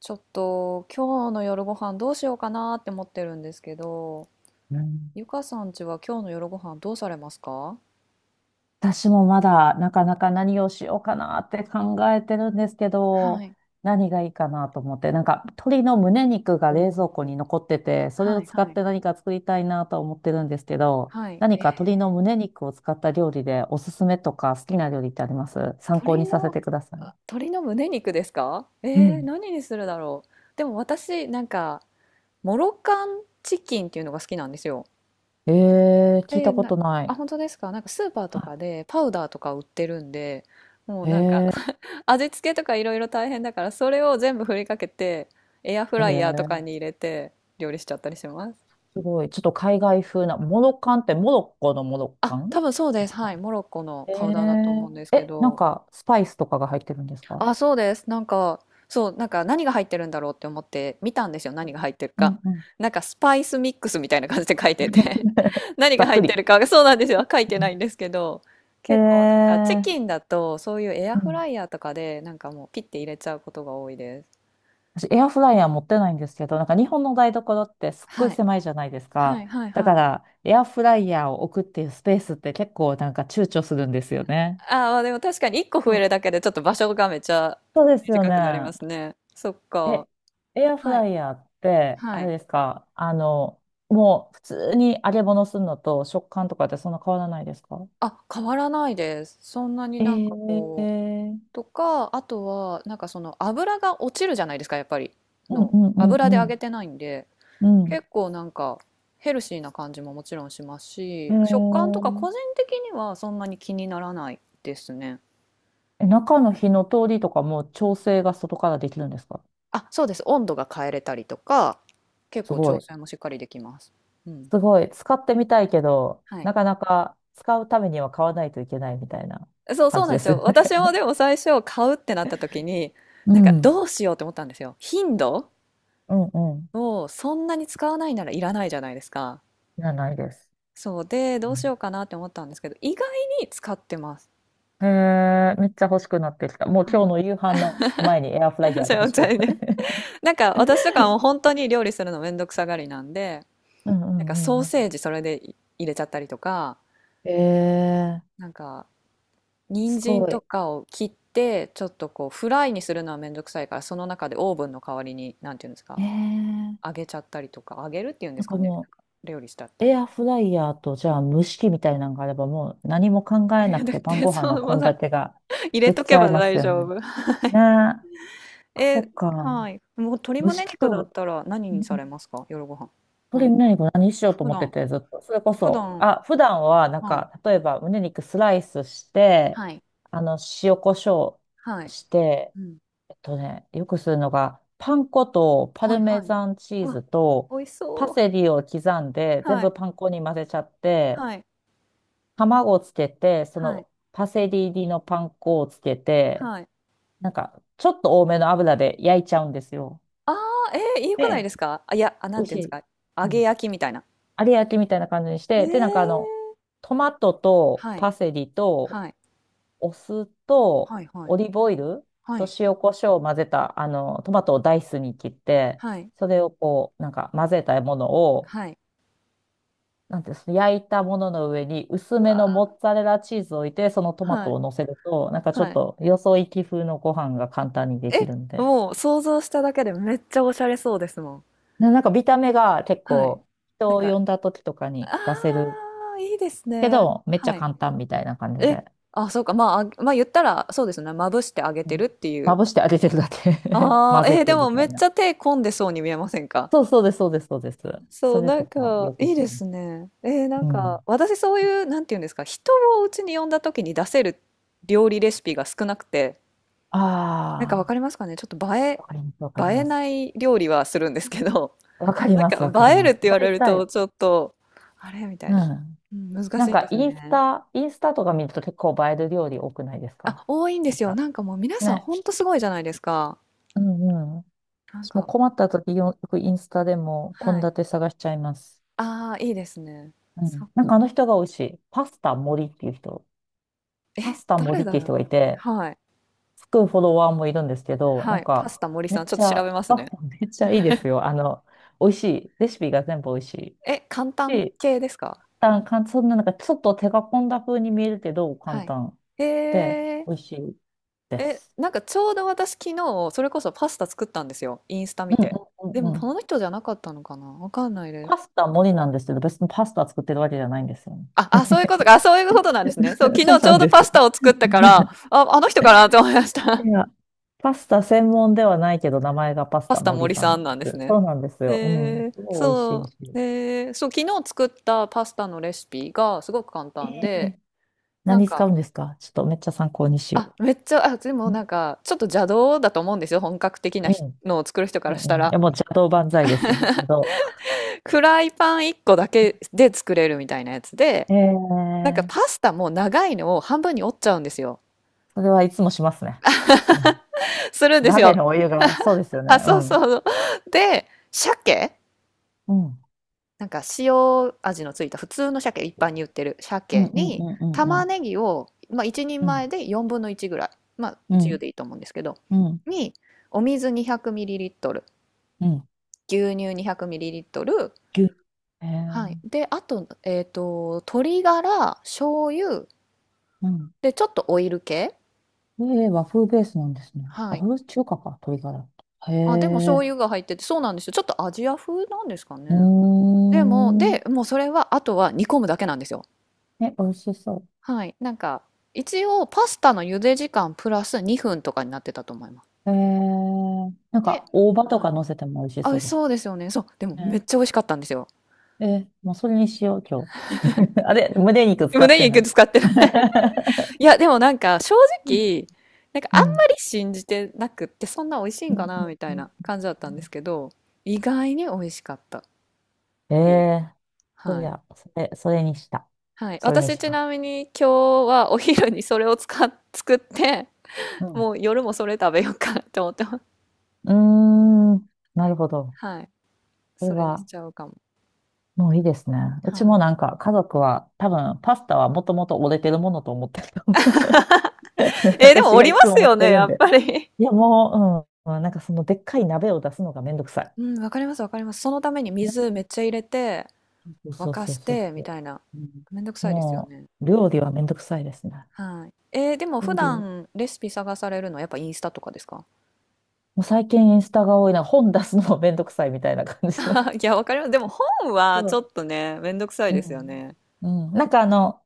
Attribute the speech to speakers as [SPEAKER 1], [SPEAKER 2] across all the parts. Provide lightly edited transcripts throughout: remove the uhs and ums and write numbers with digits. [SPEAKER 1] ちょっと今日の夜ご飯どうしようかなって思ってるんですけど、
[SPEAKER 2] うん、
[SPEAKER 1] ゆかさんちは今日の夜ご飯どうされますか？
[SPEAKER 2] 私もまだなかなか何をしようかなって考えてるんですけ
[SPEAKER 1] は
[SPEAKER 2] ど、
[SPEAKER 1] い、
[SPEAKER 2] 何がいいかなと思って、なんか鶏の胸肉が
[SPEAKER 1] お
[SPEAKER 2] 冷蔵
[SPEAKER 1] ー、
[SPEAKER 2] 庫に残ってて、それ
[SPEAKER 1] は
[SPEAKER 2] を
[SPEAKER 1] い、
[SPEAKER 2] 使
[SPEAKER 1] は
[SPEAKER 2] っ
[SPEAKER 1] い。
[SPEAKER 2] て何か作りたいなと思ってるんですけど、
[SPEAKER 1] はい。
[SPEAKER 2] 何
[SPEAKER 1] え、
[SPEAKER 2] か鶏の胸肉を使った料理でおすすめとか好きな料理ってあります？参考
[SPEAKER 1] 鶏
[SPEAKER 2] にさせ
[SPEAKER 1] の、
[SPEAKER 2] てくださ
[SPEAKER 1] あ、
[SPEAKER 2] い。
[SPEAKER 1] 鶏の胸肉ですか？
[SPEAKER 2] うん。
[SPEAKER 1] 何にするだろう。でも私、なんか、モロカンチキンっていうのが好きなんですよ。
[SPEAKER 2] えー、聞い
[SPEAKER 1] で、
[SPEAKER 2] たことな
[SPEAKER 1] あ、
[SPEAKER 2] い。
[SPEAKER 1] 本当ですか？なんかスーパーと
[SPEAKER 2] は
[SPEAKER 1] かでパウダーとか売ってるんで、もう
[SPEAKER 2] い。
[SPEAKER 1] なんか、味付けとかいろいろ大変だから、それを全部振りかけて、エアフ
[SPEAKER 2] ー、え
[SPEAKER 1] ライヤーと
[SPEAKER 2] ー、
[SPEAKER 1] かに入れて料理しちゃったりします。
[SPEAKER 2] すごい。ちょっと海外風な、モロカンってモロッコのモロカ
[SPEAKER 1] あ、多
[SPEAKER 2] ン？
[SPEAKER 1] 分そうです。はい。モロッコのパウダーだと思うんですけ
[SPEAKER 2] え、なん
[SPEAKER 1] ど。
[SPEAKER 2] か、スパイスとかが入ってるんですか？
[SPEAKER 1] あ、そうです。なんか、そう、なんか何が入ってるんだろうって思って見たんですよ。何が入ってる
[SPEAKER 2] うん
[SPEAKER 1] か。
[SPEAKER 2] うん。
[SPEAKER 1] なんかスパイスミックスみたいな感じで書いてて 何
[SPEAKER 2] ざ
[SPEAKER 1] が
[SPEAKER 2] っ
[SPEAKER 1] 入
[SPEAKER 2] く
[SPEAKER 1] って
[SPEAKER 2] り。
[SPEAKER 1] るかが、そうなんですよ。書いて
[SPEAKER 2] う
[SPEAKER 1] な
[SPEAKER 2] ん。
[SPEAKER 1] いんですけど。
[SPEAKER 2] え
[SPEAKER 1] 結構なんかチ
[SPEAKER 2] ー、
[SPEAKER 1] キンだとそういうエア
[SPEAKER 2] う
[SPEAKER 1] フ
[SPEAKER 2] ん。
[SPEAKER 1] ライヤーとかでなんかもうピッて入れちゃうことが多いです。
[SPEAKER 2] 私、エアフライヤー持ってないんですけど、なんか日本の台所ってすっごい
[SPEAKER 1] はい。
[SPEAKER 2] 狭いじゃないです
[SPEAKER 1] は
[SPEAKER 2] か。
[SPEAKER 1] いはい
[SPEAKER 2] だ
[SPEAKER 1] は
[SPEAKER 2] か
[SPEAKER 1] い。
[SPEAKER 2] ら、エアフライヤーを置くっていうスペースって結構なんか躊躇するんですよね。
[SPEAKER 1] ああ、でも確かに1個増
[SPEAKER 2] そ
[SPEAKER 1] え
[SPEAKER 2] う。
[SPEAKER 1] るだけでちょっと場所がめちゃ
[SPEAKER 2] そうですよ
[SPEAKER 1] 短
[SPEAKER 2] ね。
[SPEAKER 1] くなりますね。そっか。
[SPEAKER 2] え、エアフ
[SPEAKER 1] はい。
[SPEAKER 2] ライヤーって、
[SPEAKER 1] は
[SPEAKER 2] あれ
[SPEAKER 1] い。
[SPEAKER 2] ですか、もう普通に揚げ物するのと食感とかってそんな変わらないですか？
[SPEAKER 1] あ、変わらないです。そんなに
[SPEAKER 2] え
[SPEAKER 1] なんかこう。
[SPEAKER 2] ー
[SPEAKER 1] とか、あとは、なんかその油が落ちるじゃないですか、やっぱり。
[SPEAKER 2] うんう
[SPEAKER 1] の。
[SPEAKER 2] ん
[SPEAKER 1] 油で
[SPEAKER 2] う
[SPEAKER 1] 揚げ
[SPEAKER 2] ん
[SPEAKER 1] てないんで、
[SPEAKER 2] うんう
[SPEAKER 1] 結構なんかヘルシーな感じももちろんします
[SPEAKER 2] ん。
[SPEAKER 1] し、食感と
[SPEAKER 2] へ
[SPEAKER 1] か個人的にはそんなに気にならないですね。
[SPEAKER 2] え。え、中の火の通りとかも調整が外からできるんですか？
[SPEAKER 1] あ、そうです。温度が変えれたりとか、結
[SPEAKER 2] す
[SPEAKER 1] 構
[SPEAKER 2] ご
[SPEAKER 1] 調
[SPEAKER 2] い。
[SPEAKER 1] 整もしっかりできます。うん。
[SPEAKER 2] すごい。使ってみたいけど、
[SPEAKER 1] はい。
[SPEAKER 2] なかなか使うためには買わないといけないみたいな
[SPEAKER 1] そう、
[SPEAKER 2] 感
[SPEAKER 1] そう
[SPEAKER 2] じ
[SPEAKER 1] なん
[SPEAKER 2] で
[SPEAKER 1] です
[SPEAKER 2] すよ
[SPEAKER 1] よ。
[SPEAKER 2] ね。
[SPEAKER 1] 私もでも最初買うってなった時に、
[SPEAKER 2] う
[SPEAKER 1] なんか
[SPEAKER 2] ん。
[SPEAKER 1] どうしようって思ったんですよ。頻度
[SPEAKER 2] うんうん。
[SPEAKER 1] をそんなに使わないならいらないじゃないですか。
[SPEAKER 2] いや、ないです。
[SPEAKER 1] そうで、ど
[SPEAKER 2] う
[SPEAKER 1] うしよ
[SPEAKER 2] ん。
[SPEAKER 1] うかなって思ったんですけど、意外に使ってます。
[SPEAKER 2] へえ、めっちゃ欲しくなってきた。もう今日
[SPEAKER 1] は
[SPEAKER 2] の夕飯の前にエアフラ
[SPEAKER 1] い
[SPEAKER 2] イ
[SPEAKER 1] ま
[SPEAKER 2] ヤーが欲しくなっ
[SPEAKER 1] せ
[SPEAKER 2] た。
[SPEAKER 1] ね なんか私とかも本当に料理するのめんどくさがりなんで、
[SPEAKER 2] うんう
[SPEAKER 1] なんか
[SPEAKER 2] ん
[SPEAKER 1] ソー
[SPEAKER 2] うんうん。
[SPEAKER 1] セージそれで入れちゃったりとか、
[SPEAKER 2] えー
[SPEAKER 1] なんか人
[SPEAKER 2] す
[SPEAKER 1] 参
[SPEAKER 2] ご
[SPEAKER 1] と
[SPEAKER 2] い。
[SPEAKER 1] かを切って、ちょっとこうフライにするのはめんどくさいから、その中でオーブンの代わりに、なんていうんです
[SPEAKER 2] え
[SPEAKER 1] か、
[SPEAKER 2] え、
[SPEAKER 1] 揚げちゃったりとか、揚げるっていうんで
[SPEAKER 2] なん
[SPEAKER 1] す
[SPEAKER 2] か
[SPEAKER 1] かね。な
[SPEAKER 2] も
[SPEAKER 1] んか料理しちゃっ
[SPEAKER 2] う、
[SPEAKER 1] た
[SPEAKER 2] エ
[SPEAKER 1] り。
[SPEAKER 2] アフライヤーと、じゃあ蒸し器みたいなのがあれば、もう何も考え
[SPEAKER 1] い
[SPEAKER 2] な
[SPEAKER 1] や
[SPEAKER 2] く
[SPEAKER 1] だっ
[SPEAKER 2] て晩
[SPEAKER 1] て
[SPEAKER 2] ご飯
[SPEAKER 1] そ
[SPEAKER 2] の
[SPEAKER 1] うもう
[SPEAKER 2] 献
[SPEAKER 1] さ、
[SPEAKER 2] 立が
[SPEAKER 1] 入れ
[SPEAKER 2] でき
[SPEAKER 1] と
[SPEAKER 2] ち
[SPEAKER 1] け
[SPEAKER 2] ゃい
[SPEAKER 1] ば
[SPEAKER 2] ます
[SPEAKER 1] 大
[SPEAKER 2] よ
[SPEAKER 1] 丈
[SPEAKER 2] ね。
[SPEAKER 1] 夫。
[SPEAKER 2] ねえ。あ、そ
[SPEAKER 1] え、
[SPEAKER 2] っか。
[SPEAKER 1] はい。もう鶏
[SPEAKER 2] 蒸
[SPEAKER 1] 胸
[SPEAKER 2] し器
[SPEAKER 1] 肉だっ
[SPEAKER 2] と、
[SPEAKER 1] たら何
[SPEAKER 2] う
[SPEAKER 1] にさ
[SPEAKER 2] ん、
[SPEAKER 1] れますか？夜ご飯。何
[SPEAKER 2] 鶏胸肉何しようと
[SPEAKER 1] 普
[SPEAKER 2] 思って
[SPEAKER 1] 段、
[SPEAKER 2] て、ずっと。それこ
[SPEAKER 1] 普
[SPEAKER 2] そ、
[SPEAKER 1] 段、
[SPEAKER 2] あ、普段は、なん
[SPEAKER 1] は
[SPEAKER 2] か、
[SPEAKER 1] い。
[SPEAKER 2] 例えば胸肉スライスして、
[SPEAKER 1] はい。
[SPEAKER 2] あの、塩コショ
[SPEAKER 1] は
[SPEAKER 2] ウ
[SPEAKER 1] い。
[SPEAKER 2] して、
[SPEAKER 1] うん。
[SPEAKER 2] よくするのが、パン粉とパ
[SPEAKER 1] は
[SPEAKER 2] ル
[SPEAKER 1] いは
[SPEAKER 2] メ
[SPEAKER 1] い。
[SPEAKER 2] ザンチー
[SPEAKER 1] うわ、
[SPEAKER 2] ズと
[SPEAKER 1] 美味し
[SPEAKER 2] パ
[SPEAKER 1] そ
[SPEAKER 2] セ
[SPEAKER 1] う。
[SPEAKER 2] リを刻んで、全
[SPEAKER 1] は
[SPEAKER 2] 部
[SPEAKER 1] い。
[SPEAKER 2] パン粉に混ぜちゃって、
[SPEAKER 1] はい。
[SPEAKER 2] 卵をつけて、そ
[SPEAKER 1] はい。
[SPEAKER 2] のパセリ入りのパン粉をつけて、
[SPEAKER 1] はい。
[SPEAKER 2] なんか、ちょっと多めの油で焼いちゃうんですよ。
[SPEAKER 1] ああ、えー、よくない
[SPEAKER 2] で、
[SPEAKER 1] ですか？あ、いや、あ、な
[SPEAKER 2] 美
[SPEAKER 1] ん
[SPEAKER 2] 味
[SPEAKER 1] て
[SPEAKER 2] し
[SPEAKER 1] いうんです
[SPEAKER 2] い。
[SPEAKER 1] か？揚
[SPEAKER 2] う
[SPEAKER 1] げ
[SPEAKER 2] ん。
[SPEAKER 1] 焼きみたいな。
[SPEAKER 2] 有焼きみたいな感じにし
[SPEAKER 1] え
[SPEAKER 2] て、で、なんか
[SPEAKER 1] ー、
[SPEAKER 2] トマトと
[SPEAKER 1] はい、
[SPEAKER 2] パセリと
[SPEAKER 1] はい、
[SPEAKER 2] お酢と
[SPEAKER 1] はいはい、
[SPEAKER 2] オリーブオイル
[SPEAKER 1] は
[SPEAKER 2] と
[SPEAKER 1] い、
[SPEAKER 2] 塩コショウを混ぜた、トマトをダイスに切って、
[SPEAKER 1] はい、
[SPEAKER 2] それをこう、なんか混ぜたものを、
[SPEAKER 1] はい。
[SPEAKER 2] なんていうんですか、焼いたものの上に薄
[SPEAKER 1] う
[SPEAKER 2] めのモ
[SPEAKER 1] わ、
[SPEAKER 2] ッツァレラチーズを置いて、そのトマ
[SPEAKER 1] は
[SPEAKER 2] ト
[SPEAKER 1] い、
[SPEAKER 2] を乗せると、なんかちょ
[SPEAKER 1] は
[SPEAKER 2] っ
[SPEAKER 1] い。
[SPEAKER 2] とよそ行き風のご飯が簡単にでき
[SPEAKER 1] え、
[SPEAKER 2] るんで。
[SPEAKER 1] もう想像しただけでめっちゃおしゃれそうですもん。
[SPEAKER 2] なんか見た目が結
[SPEAKER 1] はい。
[SPEAKER 2] 構、
[SPEAKER 1] な
[SPEAKER 2] 人
[SPEAKER 1] ん
[SPEAKER 2] を
[SPEAKER 1] か、
[SPEAKER 2] 呼んだ時とかに
[SPEAKER 1] あ
[SPEAKER 2] 出せる
[SPEAKER 1] あ、いいです
[SPEAKER 2] け
[SPEAKER 1] ね。
[SPEAKER 2] ど、めっちゃ
[SPEAKER 1] はい。
[SPEAKER 2] 簡単みたいな感じで。
[SPEAKER 1] え、あ、そうか、まあ、あまあ言ったら、そうですね、まぶしてあげ
[SPEAKER 2] う
[SPEAKER 1] て
[SPEAKER 2] ん。
[SPEAKER 1] るってい
[SPEAKER 2] ま
[SPEAKER 1] う。
[SPEAKER 2] ぶしてあげてるだけ
[SPEAKER 1] あ
[SPEAKER 2] 混
[SPEAKER 1] あ、
[SPEAKER 2] ぜ
[SPEAKER 1] えーで
[SPEAKER 2] てみ
[SPEAKER 1] もめ
[SPEAKER 2] た
[SPEAKER 1] っ
[SPEAKER 2] い
[SPEAKER 1] ち
[SPEAKER 2] な。
[SPEAKER 1] ゃ手込んでそうに見えませんか？
[SPEAKER 2] そうそうです、そうです、そうです。
[SPEAKER 1] そ
[SPEAKER 2] そ
[SPEAKER 1] う、
[SPEAKER 2] れ
[SPEAKER 1] な
[SPEAKER 2] と
[SPEAKER 1] ん
[SPEAKER 2] か
[SPEAKER 1] か、
[SPEAKER 2] よく
[SPEAKER 1] いい
[SPEAKER 2] しま
[SPEAKER 1] で
[SPEAKER 2] す。
[SPEAKER 1] すね。えーな
[SPEAKER 2] う
[SPEAKER 1] んか、
[SPEAKER 2] ん。
[SPEAKER 1] 私そういう、なんていうんですか、人をうちに呼んだ時に出せる料理レシピが少なくて、なんかわか
[SPEAKER 2] あ
[SPEAKER 1] りますかね？ちょっと
[SPEAKER 2] あ、わかります、わか
[SPEAKER 1] 映
[SPEAKER 2] り
[SPEAKER 1] え
[SPEAKER 2] ま
[SPEAKER 1] な
[SPEAKER 2] す。
[SPEAKER 1] い料理はするんですけど、
[SPEAKER 2] わかり
[SPEAKER 1] な
[SPEAKER 2] ます、わ
[SPEAKER 1] ん
[SPEAKER 2] か
[SPEAKER 1] か
[SPEAKER 2] り
[SPEAKER 1] 映える
[SPEAKER 2] ま
[SPEAKER 1] っ
[SPEAKER 2] す。
[SPEAKER 1] て言われ
[SPEAKER 2] 大
[SPEAKER 1] る
[SPEAKER 2] 体、
[SPEAKER 1] と、ちょっと、あれ？みたい
[SPEAKER 2] う
[SPEAKER 1] な。
[SPEAKER 2] ん。
[SPEAKER 1] うん、難
[SPEAKER 2] なん
[SPEAKER 1] しいんで
[SPEAKER 2] か、
[SPEAKER 1] すよ
[SPEAKER 2] インス
[SPEAKER 1] ね。
[SPEAKER 2] タ、インスタとか見ると結構映える料理多くないですか？
[SPEAKER 1] あ、多いんで
[SPEAKER 2] なん
[SPEAKER 1] すよ。
[SPEAKER 2] か、
[SPEAKER 1] なんかもう皆さん
[SPEAKER 2] ね。
[SPEAKER 1] ほんとすごいじゃないですか。
[SPEAKER 2] うんうん。
[SPEAKER 1] なん
[SPEAKER 2] 私も
[SPEAKER 1] か、
[SPEAKER 2] 困った時、よくインスタでも献
[SPEAKER 1] はい。
[SPEAKER 2] 立探しちゃいます。
[SPEAKER 1] ああ、いいですね。
[SPEAKER 2] う
[SPEAKER 1] そ
[SPEAKER 2] ん。
[SPEAKER 1] っ
[SPEAKER 2] なんかあ
[SPEAKER 1] か。
[SPEAKER 2] の人が美味しい。パスタ森っていう人。
[SPEAKER 1] え、
[SPEAKER 2] パスタ
[SPEAKER 1] 誰
[SPEAKER 2] 森って
[SPEAKER 1] だ
[SPEAKER 2] いう
[SPEAKER 1] ろ
[SPEAKER 2] 人
[SPEAKER 1] う。
[SPEAKER 2] がいて、
[SPEAKER 1] はい。
[SPEAKER 2] つくフォロワーもいるんですけど、な
[SPEAKER 1] は
[SPEAKER 2] ん
[SPEAKER 1] い。パス
[SPEAKER 2] か、
[SPEAKER 1] タ森
[SPEAKER 2] め
[SPEAKER 1] さん、
[SPEAKER 2] っ
[SPEAKER 1] ちょっ
[SPEAKER 2] ち
[SPEAKER 1] と調
[SPEAKER 2] ゃ、
[SPEAKER 1] べます
[SPEAKER 2] パス
[SPEAKER 1] ね。
[SPEAKER 2] タめっちゃいいですよ。美味しい。レシピが全部美味しい。
[SPEAKER 1] え、簡単
[SPEAKER 2] で、
[SPEAKER 1] 系ですか？
[SPEAKER 2] 簡単、そんななんかちょっと手が込んだ風に見えるけど、簡
[SPEAKER 1] はい。
[SPEAKER 2] 単
[SPEAKER 1] へ
[SPEAKER 2] で、
[SPEAKER 1] え。
[SPEAKER 2] 美味しいで
[SPEAKER 1] え、
[SPEAKER 2] す。
[SPEAKER 1] なんかちょうど私昨日、それこそパスタ作ったんですよ、インスタ見
[SPEAKER 2] うん
[SPEAKER 1] て。
[SPEAKER 2] うん
[SPEAKER 1] で
[SPEAKER 2] う
[SPEAKER 1] も
[SPEAKER 2] んうん。
[SPEAKER 1] この人じゃなかったのかな、わかんないで
[SPEAKER 2] パ
[SPEAKER 1] す。
[SPEAKER 2] スタもりなんですけど、別にパスタ作ってるわけじゃないんですよね。
[SPEAKER 1] あ、あ、そういうことか。あ、そういうことなんですね。そう、昨
[SPEAKER 2] そう
[SPEAKER 1] 日ち
[SPEAKER 2] な
[SPEAKER 1] ょう
[SPEAKER 2] ん
[SPEAKER 1] ど
[SPEAKER 2] です。
[SPEAKER 1] パスタを作ったから、あ、あの人かなとて思いまし
[SPEAKER 2] い
[SPEAKER 1] た。
[SPEAKER 2] や、パスタ専門ではないけど、名前がパ ス
[SPEAKER 1] パ
[SPEAKER 2] タ
[SPEAKER 1] スタ
[SPEAKER 2] 森
[SPEAKER 1] 森
[SPEAKER 2] さん
[SPEAKER 1] さ
[SPEAKER 2] な
[SPEAKER 1] ん
[SPEAKER 2] ん
[SPEAKER 1] な
[SPEAKER 2] で
[SPEAKER 1] んです
[SPEAKER 2] す。
[SPEAKER 1] ね。
[SPEAKER 2] そうなんですよ。うん。
[SPEAKER 1] へえ、
[SPEAKER 2] すごい美味し
[SPEAKER 1] そ
[SPEAKER 2] い
[SPEAKER 1] う。
[SPEAKER 2] し。
[SPEAKER 1] で、そう、昨日作ったパスタのレシピがすごく簡
[SPEAKER 2] え
[SPEAKER 1] 単
[SPEAKER 2] え、
[SPEAKER 1] で、なん
[SPEAKER 2] 何使
[SPEAKER 1] か、
[SPEAKER 2] うんですか？ちょっとめっちゃ参考にしよ
[SPEAKER 1] あ、めっちゃ、あ、でも
[SPEAKER 2] う。ん。
[SPEAKER 1] なんか、ちょっと邪道だと思うんですよ。本格的な
[SPEAKER 2] う
[SPEAKER 1] ひ
[SPEAKER 2] ん。
[SPEAKER 1] のを作る人か
[SPEAKER 2] う
[SPEAKER 1] らした
[SPEAKER 2] んうん。いや、
[SPEAKER 1] ら。
[SPEAKER 2] もう邪道万歳ですよ。邪道。
[SPEAKER 1] フライパン1個だけで作れるみたいなやつで、なん
[SPEAKER 2] ええ。
[SPEAKER 1] かパスタも長いのを半分に折っちゃうんですよ。
[SPEAKER 2] それはいつもしますね。うん。
[SPEAKER 1] するんです
[SPEAKER 2] 鍋
[SPEAKER 1] よ。
[SPEAKER 2] のお湯が、そうですよね。
[SPEAKER 1] あ、
[SPEAKER 2] う
[SPEAKER 1] そう
[SPEAKER 2] ん。
[SPEAKER 1] そう。で、鮭、
[SPEAKER 2] うん。
[SPEAKER 1] なんか塩味のついた普通の鮭、一般に売ってる
[SPEAKER 2] うん
[SPEAKER 1] 鮭
[SPEAKER 2] うん
[SPEAKER 1] に
[SPEAKER 2] うんうんう
[SPEAKER 1] 玉
[SPEAKER 2] ん。
[SPEAKER 1] ねぎを、まあ、1人
[SPEAKER 2] うん。
[SPEAKER 1] 前で4分の1ぐらい、まあ、
[SPEAKER 2] う
[SPEAKER 1] 自由
[SPEAKER 2] ん。
[SPEAKER 1] でいいと思うんですけど、
[SPEAKER 2] うん。
[SPEAKER 1] にお水 200ml、
[SPEAKER 2] うん。
[SPEAKER 1] 牛乳 200ml、
[SPEAKER 2] 牛乳、へ
[SPEAKER 1] はい。
[SPEAKER 2] え、
[SPEAKER 1] で、あと、えっと、鶏ガラ、醤油、
[SPEAKER 2] うん。
[SPEAKER 1] で、ちょっとオイル系。
[SPEAKER 2] ええ、和風ベースなんですね。
[SPEAKER 1] は
[SPEAKER 2] あ、
[SPEAKER 1] い。
[SPEAKER 2] これは中華か、鶏ガラ。へ
[SPEAKER 1] あ、でも醤
[SPEAKER 2] え、
[SPEAKER 1] 油が入ってて、そうなんですよ。ちょっとアジア風なんですか
[SPEAKER 2] う
[SPEAKER 1] ね。
[SPEAKER 2] ー
[SPEAKER 1] でも、
[SPEAKER 2] ん。
[SPEAKER 1] で、もうそれは、あとは煮込むだけなんですよ。
[SPEAKER 2] え、美味しそ
[SPEAKER 1] はい。なんか、一応パスタの茹で時間プラス2分とかになってたと思います。
[SPEAKER 2] う。ええ、なん
[SPEAKER 1] で、
[SPEAKER 2] か、大葉とか乗せても美味しそ
[SPEAKER 1] あ、
[SPEAKER 2] うです
[SPEAKER 1] そうですよね。そう。でもめっ
[SPEAKER 2] ね。
[SPEAKER 1] ちゃ美味しかったんですよ。
[SPEAKER 2] ええ、もうそれにしよう、今日。あれ、胸肉
[SPEAKER 1] で
[SPEAKER 2] 使
[SPEAKER 1] も
[SPEAKER 2] っ
[SPEAKER 1] ね、
[SPEAKER 2] てな
[SPEAKER 1] 肉
[SPEAKER 2] い。
[SPEAKER 1] 使ってる。いや、でもなんか正
[SPEAKER 2] うん。
[SPEAKER 1] 直、なんかあ
[SPEAKER 2] う
[SPEAKER 1] ん
[SPEAKER 2] ん
[SPEAKER 1] まり信じてなくって、そんな美味しい
[SPEAKER 2] う
[SPEAKER 1] ん
[SPEAKER 2] ん
[SPEAKER 1] か
[SPEAKER 2] う
[SPEAKER 1] なみた
[SPEAKER 2] ん
[SPEAKER 1] い
[SPEAKER 2] うん。
[SPEAKER 1] な感じだったんですけど、意外に美味しかったっ
[SPEAKER 2] え
[SPEAKER 1] ていう。
[SPEAKER 2] え、そ
[SPEAKER 1] は
[SPEAKER 2] り
[SPEAKER 1] い。
[SPEAKER 2] ゃ、それにした。
[SPEAKER 1] はい。
[SPEAKER 2] それに
[SPEAKER 1] 私
[SPEAKER 2] し
[SPEAKER 1] ち
[SPEAKER 2] ま
[SPEAKER 1] な
[SPEAKER 2] す。
[SPEAKER 1] みに今日はお昼にそれを作って、
[SPEAKER 2] うん。
[SPEAKER 1] もう夜もそれ食べようかなって思ってます。
[SPEAKER 2] うーん、なるほど。
[SPEAKER 1] はい。
[SPEAKER 2] これ
[SPEAKER 1] それにし
[SPEAKER 2] は、
[SPEAKER 1] ちゃうかも。
[SPEAKER 2] もういいですね。うち
[SPEAKER 1] は
[SPEAKER 2] も
[SPEAKER 1] い。
[SPEAKER 2] なんか家族は多分パスタはもともと折れてるものと思ってると思う
[SPEAKER 1] えーでも
[SPEAKER 2] 私
[SPEAKER 1] お
[SPEAKER 2] が
[SPEAKER 1] り
[SPEAKER 2] い
[SPEAKER 1] ま
[SPEAKER 2] つ
[SPEAKER 1] す
[SPEAKER 2] も持っ
[SPEAKER 1] よ
[SPEAKER 2] て
[SPEAKER 1] ね、
[SPEAKER 2] るん
[SPEAKER 1] やっ
[SPEAKER 2] で。
[SPEAKER 1] ぱり。
[SPEAKER 2] いやもう、うん、なんかそのでっかい鍋を出すのがめんどくさ い。
[SPEAKER 1] うん、わかります、わかります。そのために
[SPEAKER 2] ね。
[SPEAKER 1] 水めっちゃ入れて、沸
[SPEAKER 2] そう
[SPEAKER 1] か
[SPEAKER 2] そう
[SPEAKER 1] し
[SPEAKER 2] そう
[SPEAKER 1] て、
[SPEAKER 2] そ
[SPEAKER 1] み
[SPEAKER 2] う。
[SPEAKER 1] たいな。
[SPEAKER 2] うん。
[SPEAKER 1] めんどくさいですよ
[SPEAKER 2] も
[SPEAKER 1] ね。
[SPEAKER 2] う料理はめんどくさいですね。
[SPEAKER 1] はい。えーでも普
[SPEAKER 2] 料理
[SPEAKER 1] 段レシピ探されるのはやっぱインスタとかですか？
[SPEAKER 2] もう最近インスタが多いな。本出すのもめんどくさいみたいな感じで。
[SPEAKER 1] あ いや、わかります。でも本
[SPEAKER 2] そ
[SPEAKER 1] はちょ
[SPEAKER 2] う。
[SPEAKER 1] っとね、めんどくさい
[SPEAKER 2] う
[SPEAKER 1] ですよ
[SPEAKER 2] ん。
[SPEAKER 1] ね。
[SPEAKER 2] うん。なんか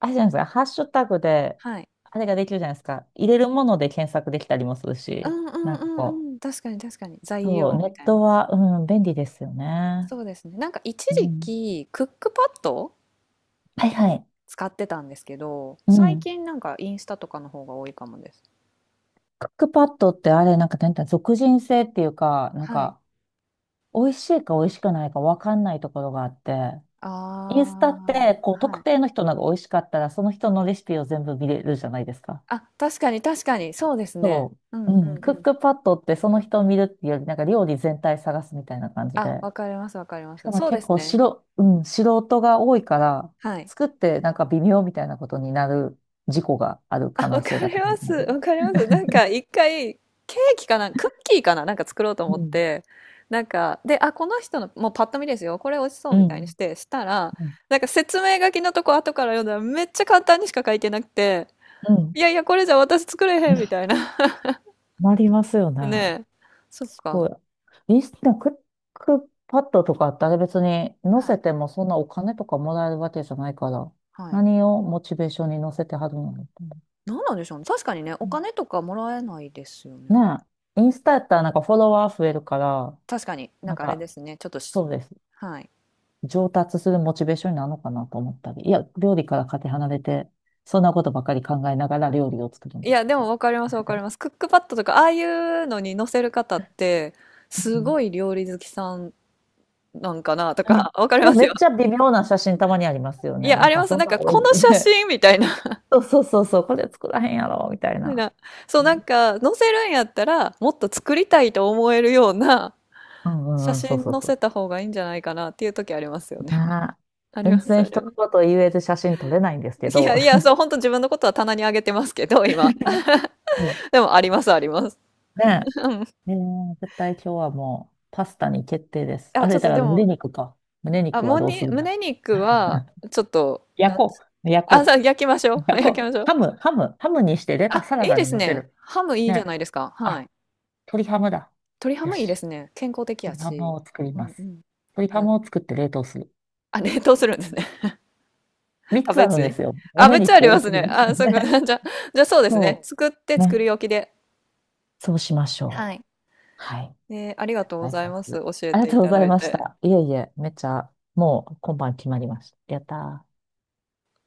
[SPEAKER 2] あれじゃないですか、ハッシュタグで、
[SPEAKER 1] はい。
[SPEAKER 2] あれができるじゃないですか。入れるもので検索できたりもする
[SPEAKER 1] う
[SPEAKER 2] し、
[SPEAKER 1] んうん
[SPEAKER 2] なんか
[SPEAKER 1] う
[SPEAKER 2] こ
[SPEAKER 1] んうん。確かに確かに。
[SPEAKER 2] う、
[SPEAKER 1] 材
[SPEAKER 2] そう、
[SPEAKER 1] 料
[SPEAKER 2] ネ
[SPEAKER 1] み
[SPEAKER 2] ッ
[SPEAKER 1] たいな。
[SPEAKER 2] トは、うん、便利ですよね。
[SPEAKER 1] そうですね。なんか一
[SPEAKER 2] う
[SPEAKER 1] 時
[SPEAKER 2] ん。
[SPEAKER 1] 期、クックパッド
[SPEAKER 2] はいはい。
[SPEAKER 1] 使ってたんですけど、
[SPEAKER 2] う
[SPEAKER 1] 最
[SPEAKER 2] ん。
[SPEAKER 1] 近なんかインスタとかの方が多いかもです。
[SPEAKER 2] クックパッドってあれ、なんか、なんていうの、属人性っていうか、なん
[SPEAKER 1] はい。
[SPEAKER 2] か、美味しいか美味しくないか分かんないところがあって、
[SPEAKER 1] あ
[SPEAKER 2] インスタって、こう、
[SPEAKER 1] あ、は
[SPEAKER 2] 特
[SPEAKER 1] い。
[SPEAKER 2] 定の人のが美味しかったら、その人のレシピを全部見れるじゃないですか。
[SPEAKER 1] あ、確かに確かに、そうですね。
[SPEAKER 2] そ
[SPEAKER 1] うんう
[SPEAKER 2] う。
[SPEAKER 1] ん
[SPEAKER 2] うん。
[SPEAKER 1] う
[SPEAKER 2] クッ
[SPEAKER 1] ん。
[SPEAKER 2] クパッドって、その人を見るっていうより、なんか料理全体探すみたいな感じで。
[SPEAKER 1] あ、わかりますわかりま
[SPEAKER 2] しか
[SPEAKER 1] す。
[SPEAKER 2] も
[SPEAKER 1] そうで
[SPEAKER 2] 結
[SPEAKER 1] す
[SPEAKER 2] 構し
[SPEAKER 1] ね。
[SPEAKER 2] ろ、うん、素人が多いから、
[SPEAKER 1] はい。
[SPEAKER 2] 作ってなんか微妙みたいなことになる、事故がある
[SPEAKER 1] あ、
[SPEAKER 2] 可
[SPEAKER 1] わ
[SPEAKER 2] 能性
[SPEAKER 1] か
[SPEAKER 2] が
[SPEAKER 1] り
[SPEAKER 2] 高
[SPEAKER 1] ま
[SPEAKER 2] い
[SPEAKER 1] す。
[SPEAKER 2] なと。
[SPEAKER 1] わかります。なんか一回、ケーキかな、クッキーかな、なんか作ろうと
[SPEAKER 2] う
[SPEAKER 1] 思っ
[SPEAKER 2] ん。
[SPEAKER 1] て、なんか、で、あ、この人の、もうパッと見ですよ、これ美味しそう
[SPEAKER 2] う
[SPEAKER 1] みたいに
[SPEAKER 2] ん。
[SPEAKER 1] して、したら、
[SPEAKER 2] うん。
[SPEAKER 1] なんか説明書きのとこ後から読んだらめっちゃ簡単にしか書いてなくて、
[SPEAKER 2] うん。
[SPEAKER 1] いやいや、これじゃ私作れへんみたい な。
[SPEAKER 2] なりますよね。
[SPEAKER 1] ねえ。そっ
[SPEAKER 2] す
[SPEAKER 1] か。
[SPEAKER 2] ごい。リスナークックパッドとかってあれ別に載
[SPEAKER 1] は
[SPEAKER 2] せ
[SPEAKER 1] い。
[SPEAKER 2] てもそんなお金とかもらえるわけじゃないから、
[SPEAKER 1] はい。
[SPEAKER 2] 何をモチベーションに載せてはるのって？
[SPEAKER 1] 何なんでしょうね。確かにね、お金
[SPEAKER 2] ね
[SPEAKER 1] とかもらえないですよね、
[SPEAKER 2] え。インスタやったらなんかフォロワー増えるから、
[SPEAKER 1] 確かにな
[SPEAKER 2] な
[SPEAKER 1] ん
[SPEAKER 2] ん
[SPEAKER 1] かあれ
[SPEAKER 2] か、
[SPEAKER 1] ですね。ちょっとし、
[SPEAKER 2] そうです。
[SPEAKER 1] はい。
[SPEAKER 2] 上達するモチベーションになるのかなと思ったり、いや、料理からかけ離れて、そんなことばかり考えながら料理を作るん
[SPEAKER 1] い
[SPEAKER 2] です
[SPEAKER 1] や、
[SPEAKER 2] け
[SPEAKER 1] でも
[SPEAKER 2] ど。
[SPEAKER 1] わかります、わかります。クックパッドとか、ああいうのに載せる方って、
[SPEAKER 2] う
[SPEAKER 1] す
[SPEAKER 2] ん。
[SPEAKER 1] ごい料理好きさんなんかなと
[SPEAKER 2] うん。
[SPEAKER 1] か、わかり
[SPEAKER 2] で
[SPEAKER 1] ま
[SPEAKER 2] も
[SPEAKER 1] す
[SPEAKER 2] め
[SPEAKER 1] よ。
[SPEAKER 2] っちゃ微妙な写真たまにありますよ
[SPEAKER 1] い
[SPEAKER 2] ね。
[SPEAKER 1] や、
[SPEAKER 2] な
[SPEAKER 1] あ
[SPEAKER 2] ん
[SPEAKER 1] り
[SPEAKER 2] か
[SPEAKER 1] ます。
[SPEAKER 2] そん
[SPEAKER 1] なん
[SPEAKER 2] な
[SPEAKER 1] か、
[SPEAKER 2] おい、
[SPEAKER 1] この写真みたいな。
[SPEAKER 2] そうそうそうそう、これ作らへんやろ、みたい な。
[SPEAKER 1] なそう、なんか、載せるんやったら、もっと作りたいと思えるような
[SPEAKER 2] うんう
[SPEAKER 1] 写
[SPEAKER 2] んうん、そう
[SPEAKER 1] 真
[SPEAKER 2] そう
[SPEAKER 1] 載
[SPEAKER 2] そ
[SPEAKER 1] せ
[SPEAKER 2] う。
[SPEAKER 1] た方がいいんじゃないかなっていう時ありますよね。
[SPEAKER 2] あー、
[SPEAKER 1] あり
[SPEAKER 2] 全
[SPEAKER 1] ます、
[SPEAKER 2] 然
[SPEAKER 1] あ
[SPEAKER 2] 人
[SPEAKER 1] り
[SPEAKER 2] の
[SPEAKER 1] ます。
[SPEAKER 2] こと言える写真撮れないんですけ
[SPEAKER 1] いや、
[SPEAKER 2] ど。
[SPEAKER 1] いや、そう、本当自分のことは棚にあげてますけど、今。
[SPEAKER 2] うん。
[SPEAKER 1] でも、あります、あります。
[SPEAKER 2] ね
[SPEAKER 1] うん。
[SPEAKER 2] え。絶対今日はもうパスタに決定です。
[SPEAKER 1] あ、
[SPEAKER 2] あ
[SPEAKER 1] ち
[SPEAKER 2] れ、
[SPEAKER 1] ょっ
[SPEAKER 2] だ
[SPEAKER 1] と
[SPEAKER 2] か
[SPEAKER 1] で
[SPEAKER 2] ら胸
[SPEAKER 1] も、
[SPEAKER 2] 肉か。胸
[SPEAKER 1] あ、
[SPEAKER 2] 肉は
[SPEAKER 1] も
[SPEAKER 2] どうす
[SPEAKER 1] に、
[SPEAKER 2] るんだ。
[SPEAKER 1] 胸肉は、ちょっと、な
[SPEAKER 2] 焼
[SPEAKER 1] んで
[SPEAKER 2] こ
[SPEAKER 1] す。
[SPEAKER 2] う。焼
[SPEAKER 1] あ、
[SPEAKER 2] こ
[SPEAKER 1] 焼きましょう。
[SPEAKER 2] う。あ
[SPEAKER 1] はい、焼
[SPEAKER 2] こ
[SPEAKER 1] き
[SPEAKER 2] う、
[SPEAKER 1] ましょ
[SPEAKER 2] ハ
[SPEAKER 1] う。
[SPEAKER 2] ム、ハム、ハムにして、
[SPEAKER 1] あ、
[SPEAKER 2] サラ
[SPEAKER 1] いい
[SPEAKER 2] ダ
[SPEAKER 1] で
[SPEAKER 2] に
[SPEAKER 1] す
[SPEAKER 2] 乗せ
[SPEAKER 1] ね。
[SPEAKER 2] る。
[SPEAKER 1] ハムいいじゃ
[SPEAKER 2] ね。
[SPEAKER 1] ないですか。は
[SPEAKER 2] あ、
[SPEAKER 1] い。
[SPEAKER 2] 鶏ハムだ。
[SPEAKER 1] 鶏ハ
[SPEAKER 2] よ
[SPEAKER 1] ムいいで
[SPEAKER 2] し。
[SPEAKER 1] すね。健康的や
[SPEAKER 2] 鶏ハ
[SPEAKER 1] し。
[SPEAKER 2] ムを作り
[SPEAKER 1] う
[SPEAKER 2] ま
[SPEAKER 1] んう
[SPEAKER 2] す。
[SPEAKER 1] ん。
[SPEAKER 2] 鶏ハ
[SPEAKER 1] あ、
[SPEAKER 2] ムを作って冷凍する。
[SPEAKER 1] あ冷凍するんですね。
[SPEAKER 2] 三
[SPEAKER 1] 食
[SPEAKER 2] つ
[SPEAKER 1] べ
[SPEAKER 2] あるん
[SPEAKER 1] ず
[SPEAKER 2] で
[SPEAKER 1] に。
[SPEAKER 2] すよ。
[SPEAKER 1] あ、
[SPEAKER 2] 胸
[SPEAKER 1] めっちゃあ
[SPEAKER 2] 肉
[SPEAKER 1] りま
[SPEAKER 2] 多
[SPEAKER 1] す
[SPEAKER 2] く
[SPEAKER 1] ね。
[SPEAKER 2] なっち
[SPEAKER 1] あ、
[SPEAKER 2] う
[SPEAKER 1] そうか。
[SPEAKER 2] ね。
[SPEAKER 1] じゃあ、じゃあそう ですね。
[SPEAKER 2] そ
[SPEAKER 1] 作って
[SPEAKER 2] う。
[SPEAKER 1] 作
[SPEAKER 2] ね。
[SPEAKER 1] り置きで。
[SPEAKER 2] そうしまし
[SPEAKER 1] は
[SPEAKER 2] ょ
[SPEAKER 1] い。
[SPEAKER 2] う。はい。
[SPEAKER 1] えーありが
[SPEAKER 2] 絶
[SPEAKER 1] とうご
[SPEAKER 2] 対
[SPEAKER 1] ざい
[SPEAKER 2] そう
[SPEAKER 1] ま
[SPEAKER 2] す
[SPEAKER 1] す。
[SPEAKER 2] る。
[SPEAKER 1] 教え
[SPEAKER 2] ありが
[SPEAKER 1] てい
[SPEAKER 2] とうご
[SPEAKER 1] た
[SPEAKER 2] ざ
[SPEAKER 1] だ
[SPEAKER 2] い
[SPEAKER 1] い
[SPEAKER 2] まし
[SPEAKER 1] て。
[SPEAKER 2] た。いえいえ、めっちゃ、もう今晩決まりました。やったー。